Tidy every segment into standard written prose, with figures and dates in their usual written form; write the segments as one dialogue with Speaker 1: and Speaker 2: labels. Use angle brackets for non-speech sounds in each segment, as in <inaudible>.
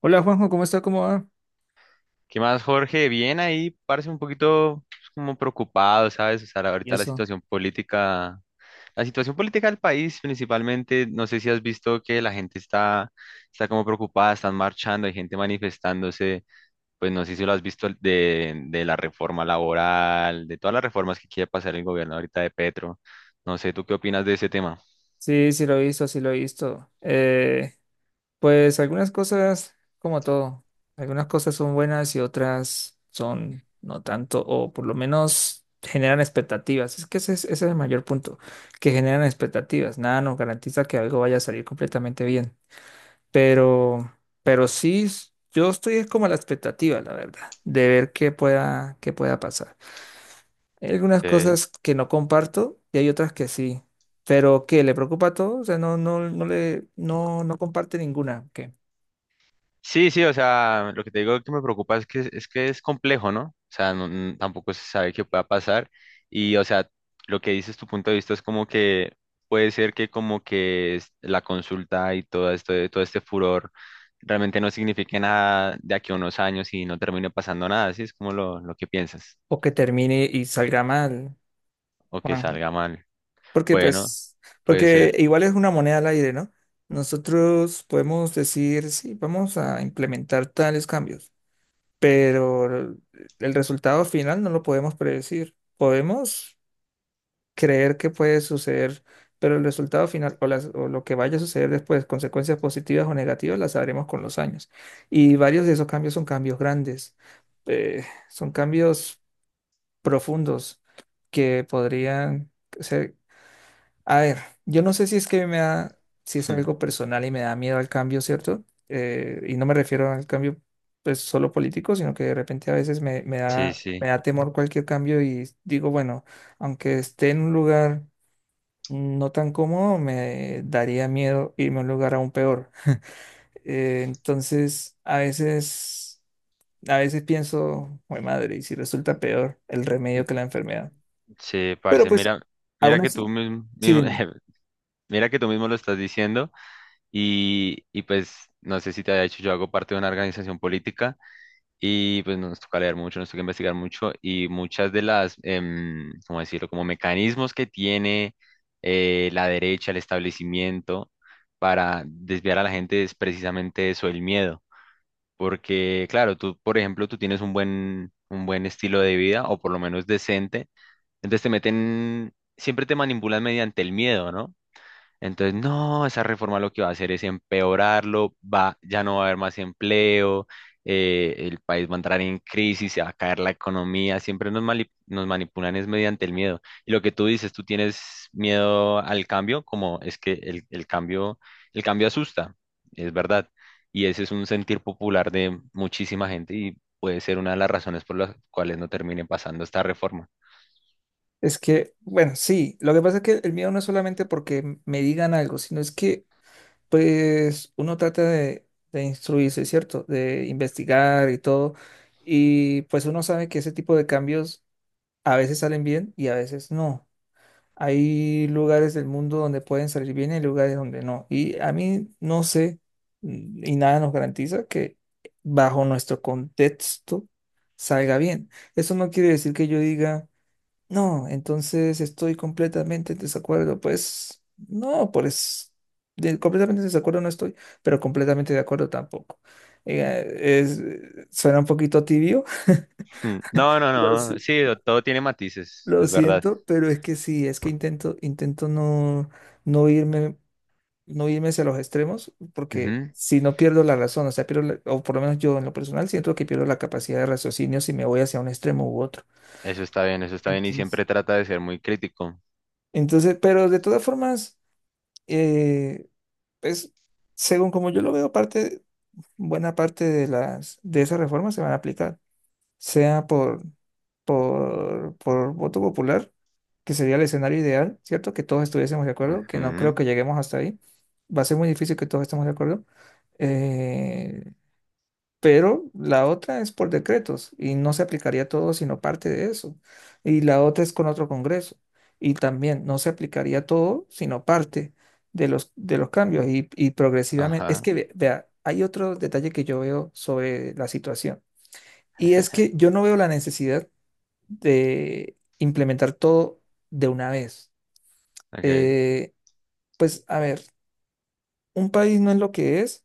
Speaker 1: Hola Juanjo, ¿cómo está? ¿Cómo va?
Speaker 2: ¿Qué más, Jorge? Bien ahí, parece un poquito pues, como preocupado, ¿sabes? O sea,
Speaker 1: Y
Speaker 2: ahorita
Speaker 1: eso.
Speaker 2: la situación política del país principalmente, no sé si has visto que está como preocupada, están marchando, hay gente manifestándose, pues no sé si lo has visto de la reforma laboral, de todas las reformas que quiere pasar el gobierno ahorita de Petro. No sé, ¿tú qué opinas de ese tema?
Speaker 1: Sí, sí lo he visto. Pues algunas cosas, como todo, algunas cosas son buenas y otras son no tanto, o por lo menos generan expectativas. Es que ese es el mayor punto, que generan expectativas. Nada nos garantiza que algo vaya a salir completamente bien. Pero, pero sí, yo estoy como a la expectativa, la verdad, de ver qué pueda pasar. Hay algunas
Speaker 2: Ok.
Speaker 1: cosas que no comparto y hay otras que sí. Pero ¿qué? ¿Le preocupa todo? O sea, no, no, no le, no, no comparte ninguna. ¿Qué?
Speaker 2: Sí, sí, o sea, lo que te digo que me preocupa es que es complejo, ¿no? O sea, tampoco se sabe qué pueda pasar y, o sea, lo que dices tu punto de vista es como que puede ser que como que la consulta y todo esto, todo este furor realmente no signifique nada de aquí a unos años y no termine pasando nada, ¿sí? Es como lo que piensas
Speaker 1: O que termine y salga mal,
Speaker 2: o que
Speaker 1: Juanjo.
Speaker 2: salga mal.
Speaker 1: Porque
Speaker 2: Bueno,
Speaker 1: pues,
Speaker 2: puede
Speaker 1: porque
Speaker 2: ser.
Speaker 1: igual es una moneda al aire, ¿no? Nosotros podemos decir, sí, vamos a implementar tales cambios, pero el resultado final no lo podemos predecir. Podemos creer que puede suceder, pero el resultado final o, las- o lo que vaya a suceder después, consecuencias positivas o negativas, las sabremos con los años. Y varios de esos cambios son cambios grandes, son cambios profundos que podrían ser... A ver, yo no sé si es que me da, si es algo
Speaker 2: <laughs>
Speaker 1: personal y me da miedo al cambio, ¿cierto? Y no me refiero al cambio pues solo político, sino que de repente a veces me, me
Speaker 2: Sí,
Speaker 1: da, me
Speaker 2: sí,
Speaker 1: da temor cualquier cambio y digo, bueno, aunque esté en un lugar no tan cómodo, me daría miedo irme a un lugar aún peor. Entonces, a veces, pienso, "Jue madre, y si resulta peor el remedio que la enfermedad.
Speaker 2: sí,
Speaker 1: Pero
Speaker 2: parce,
Speaker 1: pues,
Speaker 2: mira,
Speaker 1: aún
Speaker 2: mira que tú
Speaker 1: así,
Speaker 2: mismo,
Speaker 1: sí, dime.
Speaker 2: <laughs> mira que tú mismo lo estás diciendo. Y pues no sé si te había dicho, yo hago parte de una organización política y pues nos toca leer mucho, nos toca investigar mucho y muchas de las, ¿cómo decirlo?, como mecanismos que tiene la derecha, el establecimiento para desviar a la gente es precisamente eso, el miedo. Porque claro, tú, por ejemplo, tú tienes un buen estilo de vida o por lo menos decente, entonces te meten, siempre te manipulan mediante el miedo, ¿no? Entonces, no, esa reforma lo que va a hacer es empeorarlo, va, ya no va a haber más empleo, el país va a entrar en crisis, se va a caer la economía, siempre nos, nos manipulan es mediante el miedo. Y lo que tú dices, tú tienes miedo al cambio, como es que el cambio asusta, es verdad. Y ese es un sentir popular de muchísima gente y puede ser una de las razones por las cuales no termine pasando esta reforma.
Speaker 1: Es que, bueno, sí, lo que pasa es que el miedo no es solamente porque me digan algo, sino es que, pues, uno trata de instruirse, ¿cierto? De investigar y todo. Y pues uno sabe que ese tipo de cambios a veces salen bien y a veces no. Hay lugares del mundo donde pueden salir bien y lugares donde no. Y a mí no sé, y nada nos garantiza que bajo nuestro contexto salga bien. Eso no quiere decir que yo diga, no, entonces estoy completamente en desacuerdo. Pues no, pues completamente en desacuerdo no estoy, pero completamente de acuerdo tampoco. Eh, es, Suena un poquito tibio.
Speaker 2: <laughs> No, no,
Speaker 1: <laughs> Lo,
Speaker 2: no, sí, todo tiene matices,
Speaker 1: lo
Speaker 2: es verdad.
Speaker 1: siento, pero es que sí, es que intento no, no irme, no irme hacia los extremos, porque
Speaker 2: Ujú.
Speaker 1: si no pierdo la razón, o sea, pierdo o por lo menos yo en lo personal siento que pierdo la capacidad de raciocinio si me voy hacia un extremo u otro.
Speaker 2: Eso está bien y
Speaker 1: Entonces,
Speaker 2: siempre trata de ser muy crítico.
Speaker 1: entonces, pero de todas formas, eh, pues, según como yo lo veo, parte, buena parte de esas reformas se van a aplicar. Sea por, por voto popular, que sería el escenario ideal, ¿cierto? Que todos estuviésemos de acuerdo, que no creo
Speaker 2: Ujú.
Speaker 1: que lleguemos hasta ahí. Va a ser muy difícil que todos estemos de acuerdo. Eh, pero la otra es por decretos y no se aplicaría todo sino parte de eso. Y la otra es con otro Congreso y también no se aplicaría todo sino parte de los cambios y progresivamente. Es
Speaker 2: Ajá.
Speaker 1: que, vea, hay otro detalle que yo veo sobre la situación. Y es
Speaker 2: <laughs>
Speaker 1: que yo no veo la necesidad de implementar todo de una vez.
Speaker 2: Okay.
Speaker 1: Eh, pues a ver, un país no es lo que es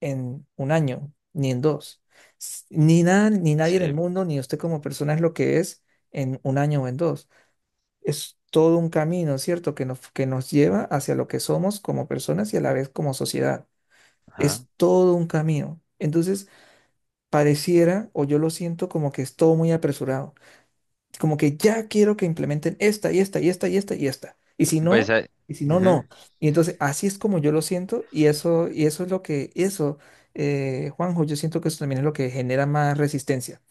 Speaker 1: en un año, ni en dos. Ni nada, ni nadie en el
Speaker 2: Sí.
Speaker 1: mundo, ni usted como persona es lo que es en un año o en dos. Es todo un camino, ¿cierto? Que nos lleva hacia lo que somos como personas y a la vez como sociedad.
Speaker 2: Ajá.
Speaker 1: Es todo un camino. Entonces, pareciera, o yo lo siento como que es todo muy apresurado. Como que ya quiero que implementen esta y esta y esta y esta y esta.
Speaker 2: Pues ah,
Speaker 1: Y si no,
Speaker 2: ujú,
Speaker 1: no. Y entonces así es como yo lo siento y eso es lo que, eso, Juanjo, yo siento que eso también es lo que genera más resistencia,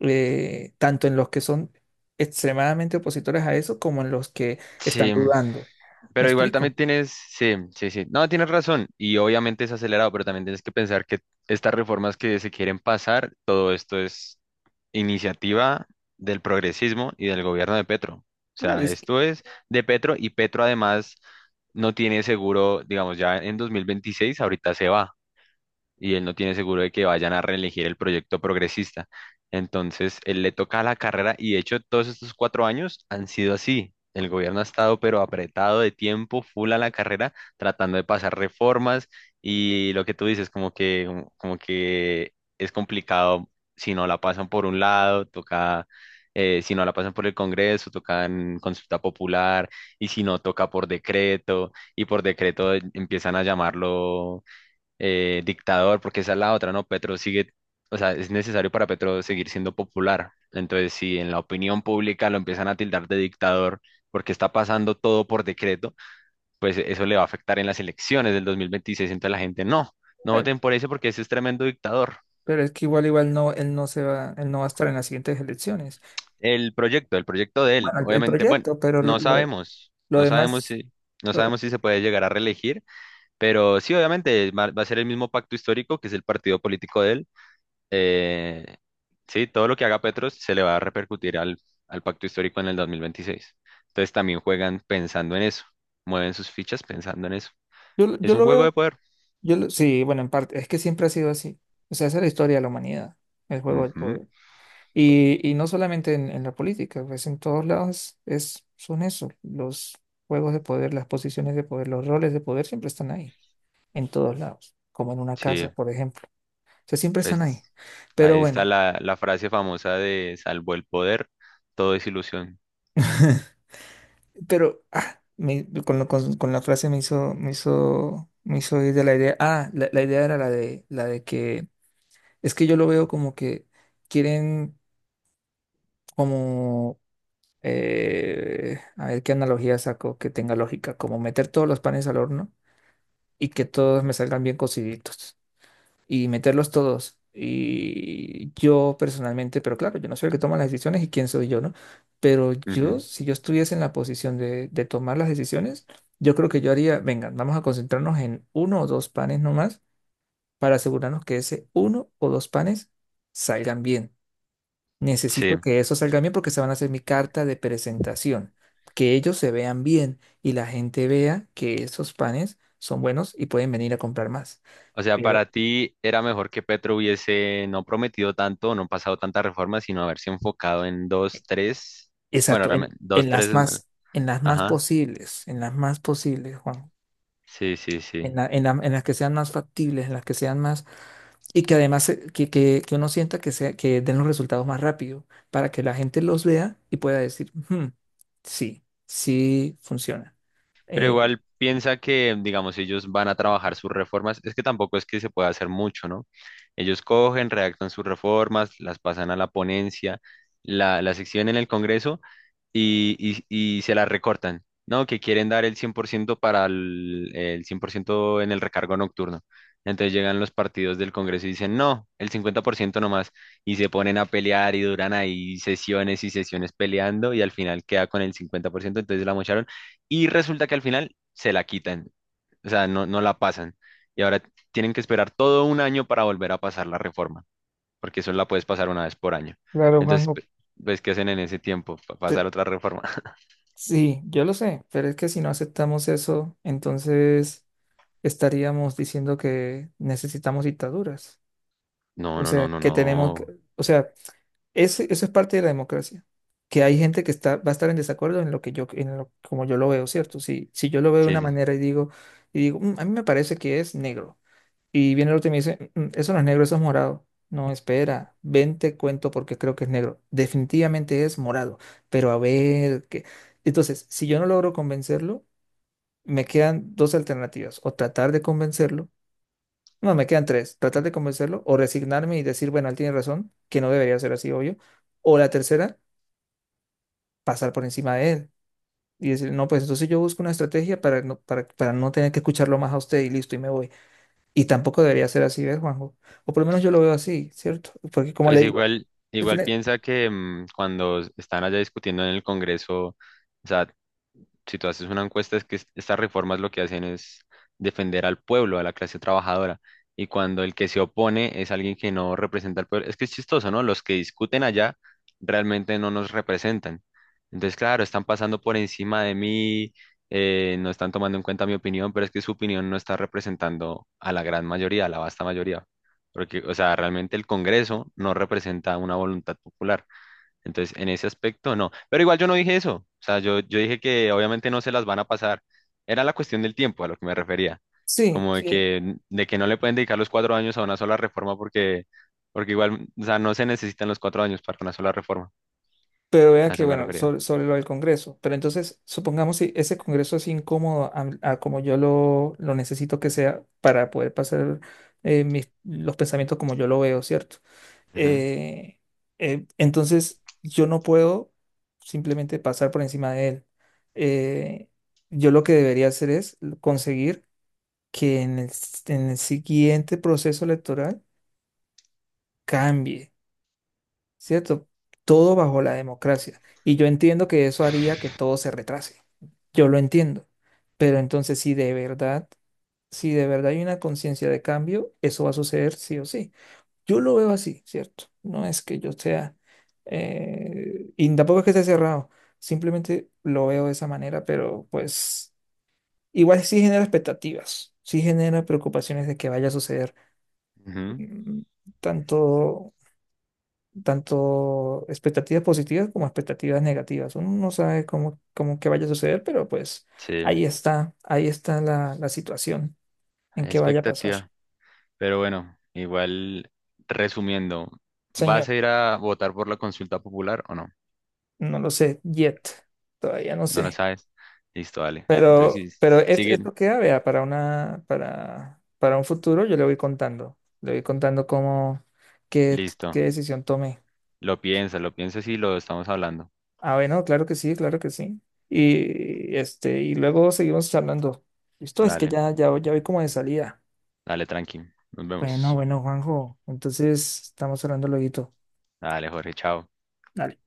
Speaker 1: tanto en los que son extremadamente opositores a eso como en los que están
Speaker 2: sí,
Speaker 1: dudando. ¿Me
Speaker 2: pero igual también
Speaker 1: explico?
Speaker 2: tienes, sí, sí, sí. No, tienes razón y obviamente es acelerado, pero también tienes que pensar que estas reformas que se quieren pasar, todo esto es iniciativa del progresismo y del gobierno de Petro. O
Speaker 1: No,
Speaker 2: sea,
Speaker 1: es que-
Speaker 2: esto es de Petro y Petro además no tiene seguro, digamos, ya en 2026 ahorita se va. Y él no tiene seguro de que vayan a reelegir el proyecto progresista. Entonces, él le toca la carrera y de hecho todos estos 4 años han sido así. El gobierno ha estado pero apretado de tiempo, full a la carrera, tratando de pasar reformas y lo que tú dices, como que, como que es complicado si no la pasan por un lado, toca... si no la pasan por el Congreso, toca en consulta popular, y si no toca por decreto, y por decreto empiezan a llamarlo dictador, porque esa es la otra, ¿no? Petro sigue, o sea, es necesario para Petro seguir siendo popular. Entonces, si en la opinión pública lo empiezan a tildar de dictador porque está pasando todo por decreto, pues eso le va a afectar en las elecciones del 2026. Entonces la gente, no, no
Speaker 1: eh,
Speaker 2: voten por ese porque ese es tremendo dictador.
Speaker 1: pero es que igual, igual no, él no se va, él no va a estar en las siguientes elecciones.
Speaker 2: El proyecto de él,
Speaker 1: Bueno, el
Speaker 2: obviamente, bueno,
Speaker 1: proyecto, pero
Speaker 2: no
Speaker 1: lo,
Speaker 2: sabemos,
Speaker 1: lo
Speaker 2: no sabemos
Speaker 1: demás...
Speaker 2: si... No
Speaker 1: lo-
Speaker 2: sabemos si se puede llegar a reelegir, pero sí, obviamente va a ser el mismo pacto histórico que es el partido político de él. Eh, sí, todo lo que haga Petro se le va a repercutir al, al pacto histórico en el 2026. Entonces también juegan pensando en eso, mueven sus fichas pensando en eso.
Speaker 1: yo,
Speaker 2: Es
Speaker 1: yo
Speaker 2: un
Speaker 1: lo
Speaker 2: juego de
Speaker 1: veo,
Speaker 2: poder.
Speaker 1: Yo sí, bueno, en parte, es que siempre ha sido así. O sea, esa es la historia de la humanidad, el juego del
Speaker 2: Ujú,
Speaker 1: poder. Y no solamente en la política, pues en todos lados es, son eso, los juegos de poder, las posiciones de poder, los roles de poder siempre están ahí, en todos lados, como en una
Speaker 2: sí,
Speaker 1: casa, por ejemplo. O sea, siempre están ahí.
Speaker 2: pues
Speaker 1: Pero
Speaker 2: ahí está
Speaker 1: bueno,
Speaker 2: la frase famosa de salvo el poder, todo es ilusión.
Speaker 1: pero con la frase me hizo ir de la idea. Ah, la idea era la de que, es que yo lo veo como que quieren como a ver qué analogía saco que tenga lógica, como meter todos los panes al horno y que todos me salgan bien cociditos y meterlos todos. Y yo personalmente, pero claro, yo no soy el que toma las decisiones y quién soy yo, ¿no? Pero yo,
Speaker 2: Ujú,
Speaker 1: si yo estuviese en la posición de tomar las decisiones, yo creo que yo haría, venga, vamos a concentrarnos en uno o dos panes nomás para asegurarnos que ese uno o dos panes salgan bien.
Speaker 2: sí,
Speaker 1: Necesito que eso salga bien porque se van a hacer mi carta de presentación. Que ellos se vean bien y la gente vea que esos panes son buenos y pueden venir a comprar más.
Speaker 2: o sea,
Speaker 1: Pero,
Speaker 2: para ti era mejor que Petro hubiese no prometido tanto, no pasado tantas reformas, sino haberse enfocado en dos, tres, bueno,
Speaker 1: exacto,
Speaker 2: realmente, dos, tres, mm,
Speaker 1: en las más
Speaker 2: ajá,
Speaker 1: posibles, en las más posibles, Juan.
Speaker 2: sí, sí, sí.
Speaker 1: En en en las que sean más factibles, en las que sean más y que además que uno sienta que, sea, que den los resultados más rápido para que la gente los vea y pueda decir, "Hmm, sí, sí funciona.
Speaker 2: Pero
Speaker 1: Eh,
Speaker 2: igual piensa que, digamos, ellos van a trabajar sus reformas. Es que tampoco es que se pueda hacer mucho, ¿no? Ellos cogen, redactan sus reformas, las pasan a la ponencia, la sección en el Congreso y, y se la recortan, ¿no? Que quieren dar el 100% para el 100% en el recargo nocturno. Entonces llegan los partidos del Congreso y dicen, no, el 50% nomás, y se ponen a pelear y duran ahí sesiones y sesiones peleando y al final queda con el 50% entonces la mocharon y resulta que al final se la quitan, o sea, no, no la pasan y ahora tienen que esperar todo un año para volver a pasar la reforma porque solo la puedes pasar una vez por año.
Speaker 1: claro, Juan,
Speaker 2: Entonces, pues, ¿qué hacen en ese tiempo? Pasar otra reforma. <laughs>
Speaker 1: Sí, yo lo sé, pero es que si no aceptamos eso, entonces estaríamos diciendo que necesitamos dictaduras.
Speaker 2: No,
Speaker 1: O
Speaker 2: no,
Speaker 1: sea,
Speaker 2: no, no,
Speaker 1: que tenemos que,
Speaker 2: no.
Speaker 1: o sea, eso es parte de la democracia, que hay gente que está, va a estar en desacuerdo en lo que yo, en lo, como yo lo veo, ¿cierto? Si yo lo veo de
Speaker 2: Sí,
Speaker 1: una
Speaker 2: sí.
Speaker 1: manera y digo, "Mm, a mí me parece que es negro. Y viene el otro y me dice, "Mm, eso no es negro, eso es morado. No, espera, ven, te cuento porque creo que es negro. Definitivamente es morado, pero a ver qué. Entonces, si yo no logro convencerlo, me quedan dos alternativas, o tratar de convencerlo, no, me quedan tres, tratar de convencerlo, o resignarme y decir, bueno, él tiene razón, que no debería ser así, obvio, o la tercera, pasar por encima de él y decir, no, pues entonces yo busco una estrategia para no tener que escucharlo más a usted y listo, y me voy. Y tampoco debería ser así, ¿ves, Juanjo? O por lo menos yo lo veo así, ¿cierto? Porque como
Speaker 2: Pues
Speaker 1: le digo,
Speaker 2: igual,
Speaker 1: al
Speaker 2: igual
Speaker 1: final,
Speaker 2: piensa que cuando están allá discutiendo en el Congreso, o sea, si tú haces una encuesta, es que estas reformas lo que hacen es defender al pueblo, a la clase trabajadora. Y cuando el que se opone es alguien que no representa al pueblo, es que es chistoso, ¿no? Los que discuten allá realmente no nos representan. Entonces, claro, están pasando por encima de mí, no están tomando en cuenta mi opinión, pero es que su opinión no está representando a la gran mayoría, a la vasta mayoría. Porque, o sea, realmente el Congreso no representa una voluntad popular entonces, en ese aspecto, no. Pero igual yo no dije eso. O sea, yo dije que obviamente no se las van a pasar. Era la cuestión del tiempo a lo que me refería.
Speaker 1: sí,
Speaker 2: Como
Speaker 1: sí,
Speaker 2: de que no le pueden dedicar los 4 años a una sola reforma porque, porque igual, o sea, no se necesitan los 4 años para una sola reforma.
Speaker 1: pero vea
Speaker 2: A
Speaker 1: que,
Speaker 2: eso me
Speaker 1: bueno,
Speaker 2: refería.
Speaker 1: sobre, sobre lo del Congreso, pero entonces, supongamos si ese Congreso es incómodo a como yo lo necesito que sea para poder pasar mis, los pensamientos como yo lo veo, ¿cierto?
Speaker 2: Ujú,
Speaker 1: Eh, entonces, yo no puedo simplemente pasar por encima de él. Eh, yo lo que debería hacer es conseguir que en el siguiente proceso electoral cambie, ¿cierto? Todo bajo la democracia. Y yo entiendo que eso haría que todo se retrase. Yo lo entiendo. Pero entonces, si de verdad, si de verdad hay una conciencia de cambio, eso va a suceder sí o sí. Yo lo veo así, ¿cierto? No es que yo sea, y tampoco es que esté cerrado. Simplemente lo veo de esa manera, pero pues igual sí genera expectativas, sí genera preocupaciones de que vaya a suceder.
Speaker 2: ujú.
Speaker 1: mm, tanto, Tanto expectativas positivas como expectativas negativas. Uno no sabe cómo, cómo que vaya a suceder, pero pues
Speaker 2: Sí,
Speaker 1: ahí está la, la situación en
Speaker 2: hay
Speaker 1: que vaya a pasar.
Speaker 2: expectativa. Pero bueno, igual, resumiendo,
Speaker 1: Señor,
Speaker 2: ¿vas a ir a votar por la consulta popular o no?
Speaker 1: no lo sé, yet, todavía no
Speaker 2: No lo
Speaker 1: sé.
Speaker 2: sabes. Listo, dale.
Speaker 1: Pero,
Speaker 2: Entonces,
Speaker 1: pero
Speaker 2: sí, sigue.
Speaker 1: esto queda, vea, para una, para un futuro yo le voy contando. Le voy contando cómo, qué,
Speaker 2: Listo.
Speaker 1: qué decisión tomé.
Speaker 2: Lo piensa y lo estamos hablando.
Speaker 1: Ah, bueno, claro que sí, claro que sí. Y este, y luego seguimos charlando. Listo, es que
Speaker 2: Dale,
Speaker 1: ya, ya, ya voy como de salida.
Speaker 2: dale, tranqui. Nos
Speaker 1: Bueno,
Speaker 2: vemos.
Speaker 1: bueno, Juanjo. Entonces, estamos hablando lueguito.
Speaker 2: Dale, Jorge, chao.
Speaker 1: Dale.